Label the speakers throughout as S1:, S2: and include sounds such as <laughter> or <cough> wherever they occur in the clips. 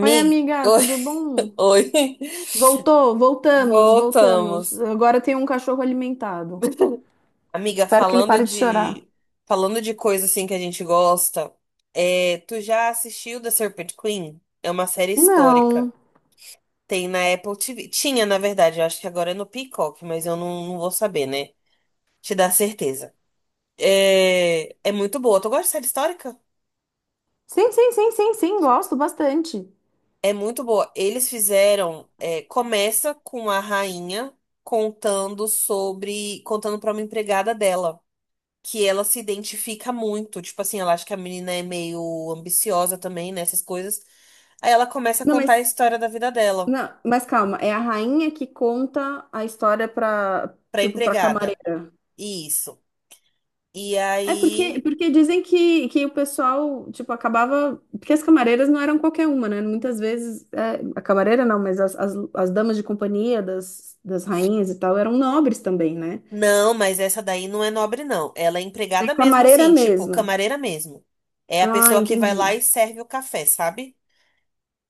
S1: Oi, amiga,
S2: Oi,
S1: tudo bom?
S2: <laughs> oi.
S1: Voltamos.
S2: Voltamos.
S1: Agora tem um cachorro alimentado.
S2: Amiga,
S1: Espero que ele
S2: falando
S1: pare de chorar.
S2: de falando de coisa assim que a gente gosta, tu já assistiu The Serpent Queen? É uma série histórica.
S1: Não.
S2: Tem na Apple TV. Tinha, na verdade, eu acho que agora é no Peacock, mas eu não vou saber, né? Te dar certeza. É muito boa. Tu gosta de série histórica?
S1: Sim, gosto bastante.
S2: É muito boa. Eles fizeram. Começa com a rainha contando sobre. Contando pra uma empregada dela. Que ela se identifica muito. Tipo assim, ela acha que a menina é meio ambiciosa também, né? Essas coisas. Aí ela começa a
S1: Não,
S2: contar a
S1: mas
S2: história da vida dela
S1: não, mas calma, é a rainha que conta a história pra,
S2: pra
S1: tipo, pra
S2: empregada.
S1: camareira.
S2: Isso. E
S1: É porque,
S2: aí.
S1: porque dizem que o pessoal, tipo, acabava. Porque as camareiras não eram qualquer uma, né? Muitas vezes, é, a camareira não, mas as damas de companhia das rainhas e tal eram nobres também, né?
S2: Não, mas essa daí não é nobre, não. Ela é
S1: É
S2: empregada mesmo,
S1: camareira
S2: assim, tipo,
S1: mesmo.
S2: camareira mesmo. É a
S1: Ah,
S2: pessoa que vai lá
S1: entendi.
S2: e serve o café, sabe?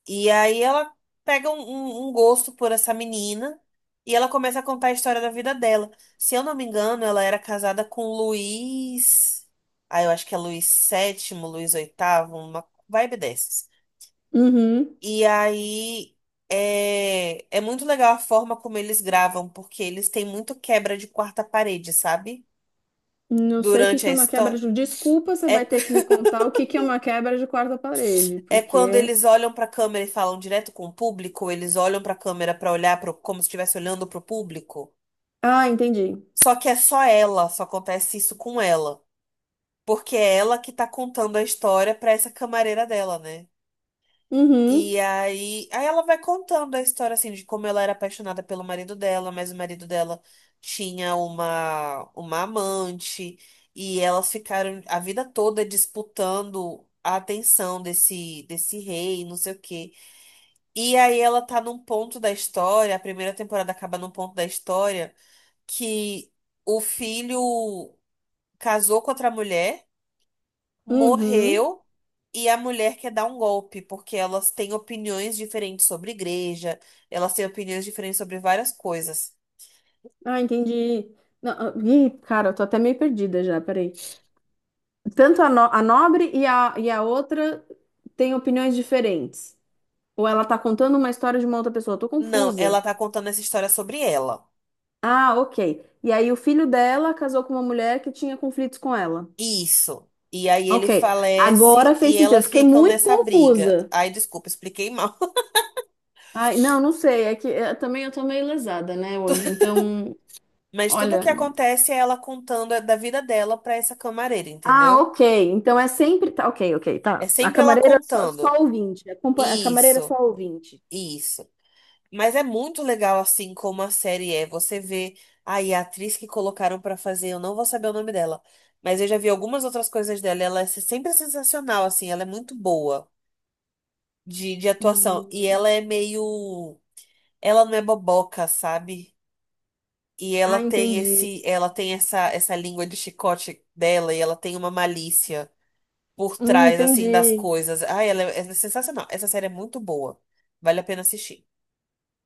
S2: E aí ela pega um gosto por essa menina e ela começa a contar a história da vida dela. Se eu não me engano, ela era casada com Luiz. Ah, eu acho que é Luiz VII, Luiz VIII, uma vibe dessas.
S1: Uhum.
S2: E aí é muito legal a forma como eles gravam, porque eles têm muito quebra de quarta parede, sabe?
S1: Não sei o que
S2: Durante
S1: que
S2: a
S1: é uma quebra
S2: história.
S1: de. Um. Desculpa, você vai
S2: É,
S1: ter que me contar o que que é uma quebra de quarta parede,
S2: <laughs> é quando
S1: porque.
S2: eles olham pra câmera e falam direto com o público, ou eles olham pra câmera pra olhar pro, como se estivesse olhando pro público.
S1: Ah, entendi.
S2: Só que é só ela, só acontece isso com ela. Porque é ela que tá contando a história pra essa camareira dela, né?
S1: Uhum.
S2: E aí ela vai contando a história, assim, de como ela era apaixonada pelo marido dela, mas o marido dela tinha uma amante, e elas ficaram a vida toda disputando a atenção desse rei, não sei o quê. E aí ela tá num ponto da história, a primeira temporada acaba num ponto da história que o filho casou com outra mulher,
S1: Uhum.
S2: morreu e a mulher quer dar um golpe, porque elas têm opiniões diferentes sobre igreja, elas têm opiniões diferentes sobre várias coisas.
S1: Ah, entendi. Não, ah, ih, cara, eu tô até meio perdida já, peraí. Tanto a, a nobre e a outra têm opiniões diferentes. Ou ela tá contando uma história de uma outra pessoa. Eu tô
S2: Não,
S1: confusa.
S2: ela tá contando essa história sobre ela.
S1: Ah, ok. E aí o filho dela casou com uma mulher que tinha conflitos com ela.
S2: Isso. E aí
S1: Ok,
S2: ele
S1: agora
S2: falece e
S1: fez sentido. Eu
S2: elas
S1: fiquei
S2: ficam
S1: muito
S2: nessa briga.
S1: confusa.
S2: Ai, desculpa, expliquei mal.
S1: Ai, não, não sei. É que também eu tô meio lesada, né, hoje. Então,
S2: <laughs> Mas tudo o
S1: olha.
S2: que acontece é ela contando da vida dela pra essa camareira,
S1: Ah,
S2: entendeu?
S1: ok. Então é sempre. Tá, ok,
S2: É
S1: tá. A
S2: sempre ela
S1: camareira só
S2: contando.
S1: ouvinte. A, a camareira é só
S2: Isso,
S1: ouvinte.
S2: isso. Mas é muito legal assim como a série é. Você vê aí a atriz que colocaram pra fazer, eu não vou saber o nome dela, mas eu já vi algumas outras coisas dela. E ela é sempre sensacional, assim, ela é muito boa de atuação. E ela
S1: Hum,
S2: é meio. Ela não é boboca, sabe? E ela
S1: Ah,
S2: tem
S1: entendi.
S2: esse, ela tem essa língua de chicote dela e ela tem uma malícia por trás, assim, das
S1: Entendi.
S2: coisas. Ai, ela é é sensacional. Essa série é muito boa. Vale a pena assistir.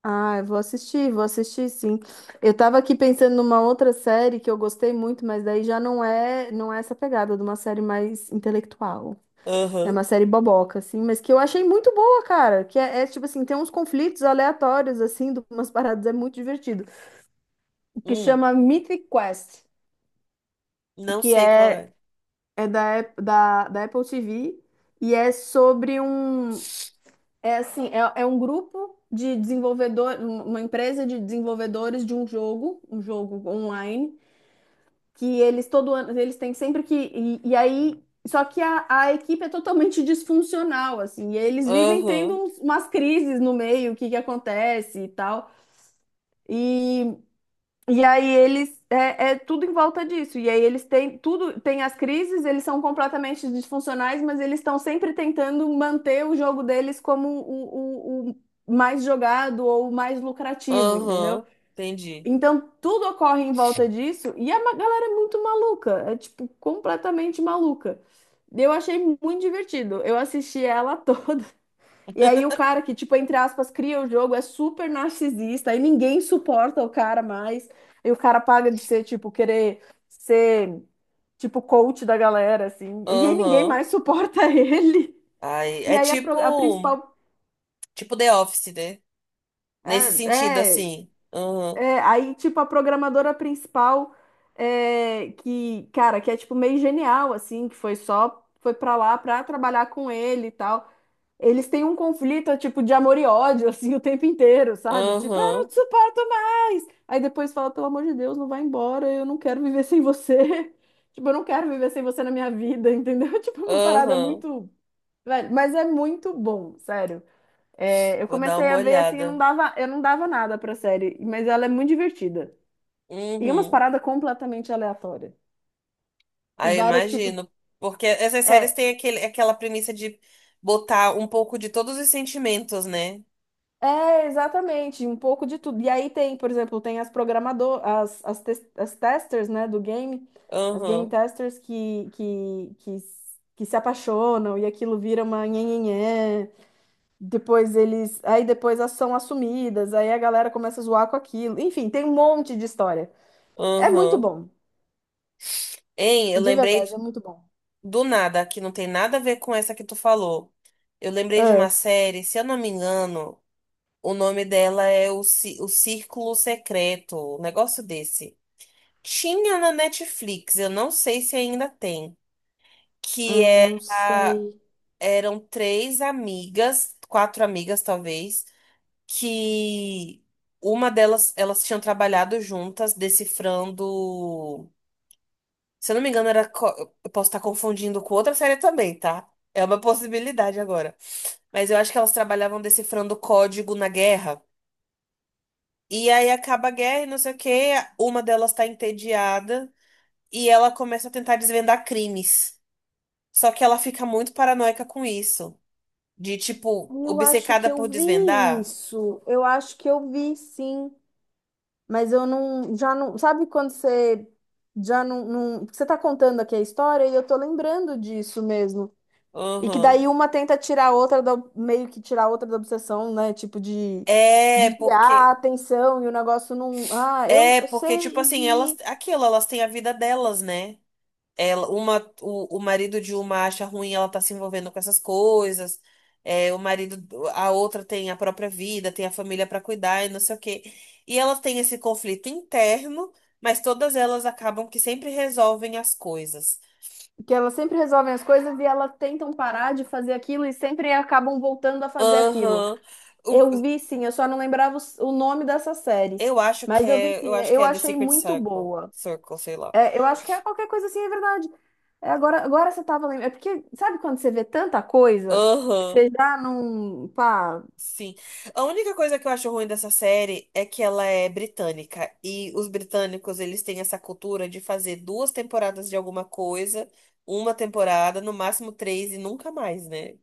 S1: Ah, vou assistir, sim. Eu tava aqui pensando numa outra série que eu gostei muito, mas daí já não é essa pegada de uma série mais intelectual. É
S2: Aham.
S1: uma série boboca, assim, mas que eu achei muito boa, cara. Que é, tipo assim, tem uns conflitos aleatórios, assim, de umas <laughs> paradas, é muito divertido. O que
S2: Hum,
S1: chama Mythic Quest, o
S2: não
S1: que
S2: sei qual
S1: é,
S2: é.
S1: é da Apple TV e é sobre um... É assim, é um grupo de desenvolvedor, uma empresa de desenvolvedores de um jogo online, que eles todo ano, eles têm sempre que. E aí, só que a equipe é totalmente disfuncional, assim, e eles vivem tendo
S2: Aham.
S1: umas crises no meio, o que que acontece e tal. E, é tudo em volta disso. E aí eles têm tudo, tem as crises, eles são completamente disfuncionais, mas eles estão sempre tentando manter o jogo deles como o mais jogado ou o mais lucrativo, entendeu?
S2: Aham. Entendi.
S1: Então, tudo ocorre em volta disso e a galera é muito maluca, é tipo completamente maluca. Eu achei muito divertido. Eu assisti ela <laughs> toda. E aí o cara que, tipo, entre aspas, cria o jogo é super narcisista, aí ninguém suporta o cara mais. E o cara paga de ser, tipo, querer ser, tipo, coach da galera, assim. E aí ninguém
S2: Aham.
S1: mais suporta <laughs> ele.
S2: Ai,
S1: E
S2: é
S1: aí a, a
S2: tipo,
S1: principal.
S2: tipo The Office, né?
S1: É,
S2: Nesse sentido,
S1: é.
S2: assim. Aham.
S1: É, aí, tipo, a programadora principal, é, que, cara, que é, tipo, meio genial, assim, que foi só, foi pra lá pra trabalhar com ele e tal. Eles têm um conflito, tipo, de amor e ódio, <laughs> assim, o tempo inteiro, sabe? Tipo, eu não
S2: Aham.
S1: te suporto mais! Aí depois fala, pelo amor de Deus, não vai embora, eu não quero viver sem você. <laughs> Tipo, eu não quero viver sem você na minha vida, entendeu? <laughs> Tipo, uma parada
S2: Aham.
S1: muito... Velho, mas é muito bom, sério. É, eu
S2: Vou dar
S1: comecei
S2: uma
S1: a ver assim, eu não
S2: olhada.
S1: dava, eu não dava nada pra série, mas ela é muito divertida. E umas
S2: Uhum.
S1: paradas completamente aleatórias. E
S2: Aí eu
S1: várias tipos.
S2: imagino. Porque essas séries
S1: É,
S2: têm aquele, aquela premissa de botar um pouco de todos os sentimentos, né?
S1: é, exatamente, um pouco de tudo. E aí tem, por exemplo, tem as programador, as testers, né, do game, as game
S2: Aham.
S1: testers que se apaixonam e aquilo vira uma nhenhenhé. Depois eles, aí depois elas são assumidas, aí a galera começa a zoar com aquilo. Enfim, tem um monte de história. É muito
S2: Aham.
S1: bom,
S2: Hein, eu
S1: de
S2: lembrei
S1: verdade, é muito bom.
S2: do nada, que não tem nada a ver com essa que tu falou. Eu lembrei de uma
S1: É.
S2: série, se eu não me engano, o nome dela é O, Ci- o Círculo Secreto, um negócio desse. Tinha na Netflix, eu não sei se ainda tem, que
S1: Ai, não
S2: era,
S1: sei.
S2: eram três amigas, quatro amigas talvez, que uma delas, elas tinham trabalhado juntas decifrando Se eu não me engano, era. Co- eu posso estar confundindo com outra série também, tá? É uma possibilidade agora. Mas eu acho que elas trabalhavam decifrando código na guerra. E aí acaba a guerra e não sei o quê. Uma delas tá entediada e ela começa a tentar desvendar crimes. Só que ela fica muito paranoica com isso. De tipo,
S1: Eu acho
S2: obcecada
S1: que eu
S2: por
S1: vi
S2: desvendar.
S1: isso. Eu acho que eu vi sim, mas eu não, já não, sabe quando você já não, não- você tá contando aqui a história e eu tô lembrando disso mesmo. E que
S2: Uhum.
S1: daí uma tenta tirar a outra da, meio que tirar a outra da obsessão, né? Tipo de
S2: É,
S1: desviar a
S2: porque.
S1: atenção e o negócio não, ah, eu,
S2: É,
S1: eu sei
S2: porque, tipo assim, elas.
S1: vi
S2: Aquilo, elas têm a vida delas, né? Ela, uma, o marido de uma acha ruim, ela tá se envolvendo com essas coisas. É, o marido, a outra tem a própria vida, tem a família pra cuidar e não sei o quê. E ela tem esse conflito interno, mas todas elas acabam que sempre resolvem as coisas.
S1: que elas sempre resolvem as coisas e elas tentam parar de fazer aquilo e sempre acabam voltando a fazer aquilo.
S2: Aham. O-
S1: Eu vi sim, eu só não lembrava o nome dessa série.
S2: eu acho que
S1: Mas eu vi
S2: é, eu
S1: sim,
S2: acho que
S1: eu
S2: é The
S1: achei
S2: Secret
S1: muito
S2: Circle,
S1: boa.
S2: Circle, sei lá.
S1: É, eu acho que é qualquer coisa assim, é verdade. É, agora você tava lembrando. É porque, sabe quando você vê tanta coisa que
S2: Aham.
S1: você já não. Pá,
S2: Sim. A única coisa que eu acho ruim dessa série é que ela é britânica. E os britânicos, eles têm essa cultura de fazer duas temporadas de alguma coisa, uma temporada, no máximo três e nunca mais, né?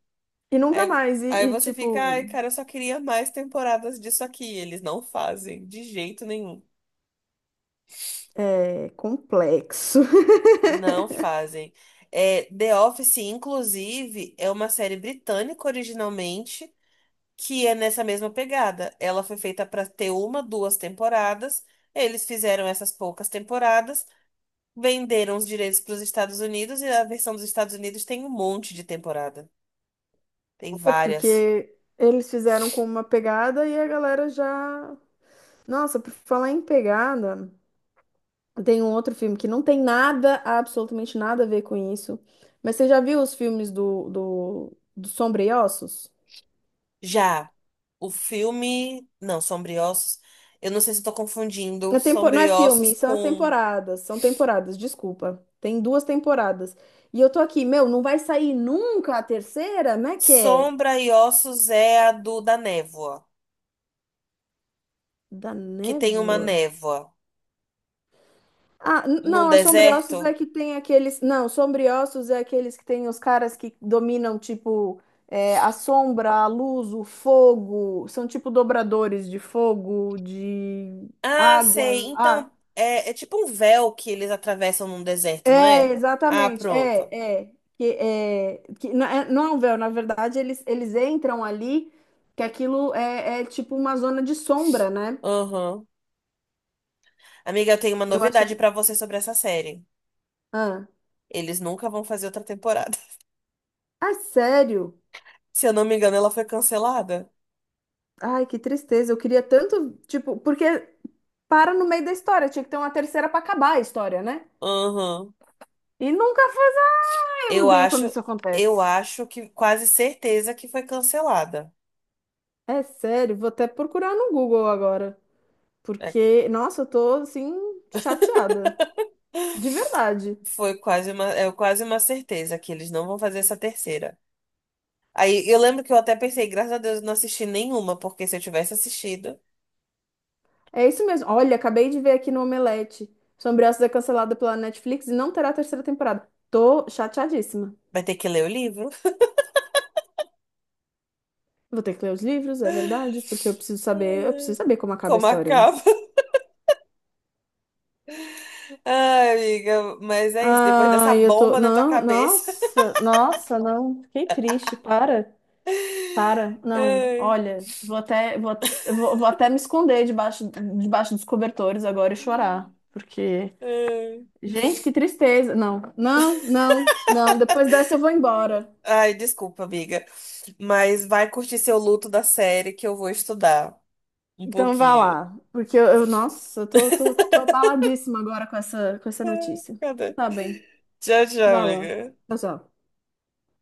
S1: e nunca
S2: Aí,
S1: mais. E,
S2: aí
S1: e,
S2: você fica, ai,
S1: tipo,
S2: cara, eu só queria mais temporadas disso aqui. Eles não fazem, de jeito nenhum.
S1: é complexo. <laughs>
S2: Não fazem. É, The Office, inclusive, é uma série britânica originalmente. Que é nessa mesma pegada. Ela foi feita para ter uma, duas temporadas. Eles fizeram essas poucas temporadas, venderam os direitos para os Estados Unidos e a versão dos Estados Unidos tem um monte de temporada. Tem
S1: É
S2: várias.
S1: porque eles fizeram com uma pegada e a galera já. Nossa, por falar em pegada. Tem um outro filme que não tem nada, absolutamente nada a ver com isso. Mas você já viu os filmes do Sombra e Ossos?
S2: Já o filme, não, Sombriossos, eu não sei se estou confundindo
S1: É tempo... Não é
S2: Sombriossos
S1: filme, são as
S2: com
S1: temporadas. São temporadas, desculpa. Tem duas temporadas. E eu tô aqui, meu, não vai sair nunca a terceira? Como é que é?
S2: Sombra e Ossos é a do da névoa,
S1: Da
S2: que tem uma
S1: Névoa?
S2: névoa
S1: Ah,
S2: num
S1: não, a Sombriossos
S2: deserto.
S1: é que tem aqueles. Não, Sombriossos é aqueles que tem os caras que dominam, tipo, é, a sombra, a luz, o fogo. São tipo dobradores de fogo, de
S2: Ah, sei.
S1: água. Ah,
S2: Então, é, é tipo um véu que eles atravessam num deserto, não
S1: é,
S2: é? Ah,
S1: exatamente.
S2: pronto.
S1: É, é. Que, é, que não é um véu, na verdade, eles entram ali, que aquilo é, é tipo uma zona de sombra, né?
S2: Aham. Amiga, eu tenho uma
S1: Eu achei.
S2: novidade pra você sobre essa série.
S1: Ah,
S2: Eles nunca vão fazer outra temporada.
S1: sério?
S2: <laughs> Se eu não me engano, ela foi cancelada.
S1: Ai, que tristeza. Eu queria tanto, tipo, porque para no meio da história. Tinha que ter uma terceira para acabar a história, né?
S2: Aham.
S1: E nunca faz. Ah, eu
S2: Eu
S1: odeio quando
S2: acho,
S1: isso
S2: eu
S1: acontece.
S2: acho que quase certeza que foi cancelada.
S1: É sério, vou até procurar no Google agora.
S2: É.
S1: Porque, nossa, eu tô assim, chateada. De verdade.
S2: Foi quase uma, é quase uma certeza que eles não vão fazer essa terceira. Aí eu lembro que eu até pensei, graças a Deus, eu não assisti nenhuma, porque se eu tivesse assistido.
S1: É isso mesmo. Olha, acabei de ver aqui no Omelete. Sombreaços é cancelada pela Netflix e não terá terceira temporada. Tô chateadíssima.
S2: Vai ter que ler o livro.
S1: Vou ter que ler os livros, é verdade, porque eu preciso saber, eu preciso
S2: <laughs>
S1: saber como acaba a
S2: Como
S1: história.
S2: acaba. Ai, amiga, mas é isso. Depois dessa
S1: Ai, eu tô.
S2: bomba na tua
S1: Não,
S2: cabeça.
S1: nossa, não. Fiquei triste, para.
S2: <laughs>
S1: Para, não,
S2: Ai,
S1: olha, vou até, vou, eu vou, vou até me esconder debaixo dos cobertores agora e chorar, porque,
S2: ai.
S1: gente, que tristeza. Não, depois dessa eu vou embora.
S2: Ai, desculpa, amiga. Mas vai curtir seu luto da série que eu vou estudar um
S1: Então vá
S2: pouquinho.
S1: lá, porque nossa, eu tô abaladíssima agora com essa notícia.
S2: Cadê?
S1: Tá bem,
S2: Tchau, tchau,
S1: vá lá.
S2: amiga.
S1: Tchau, tchau.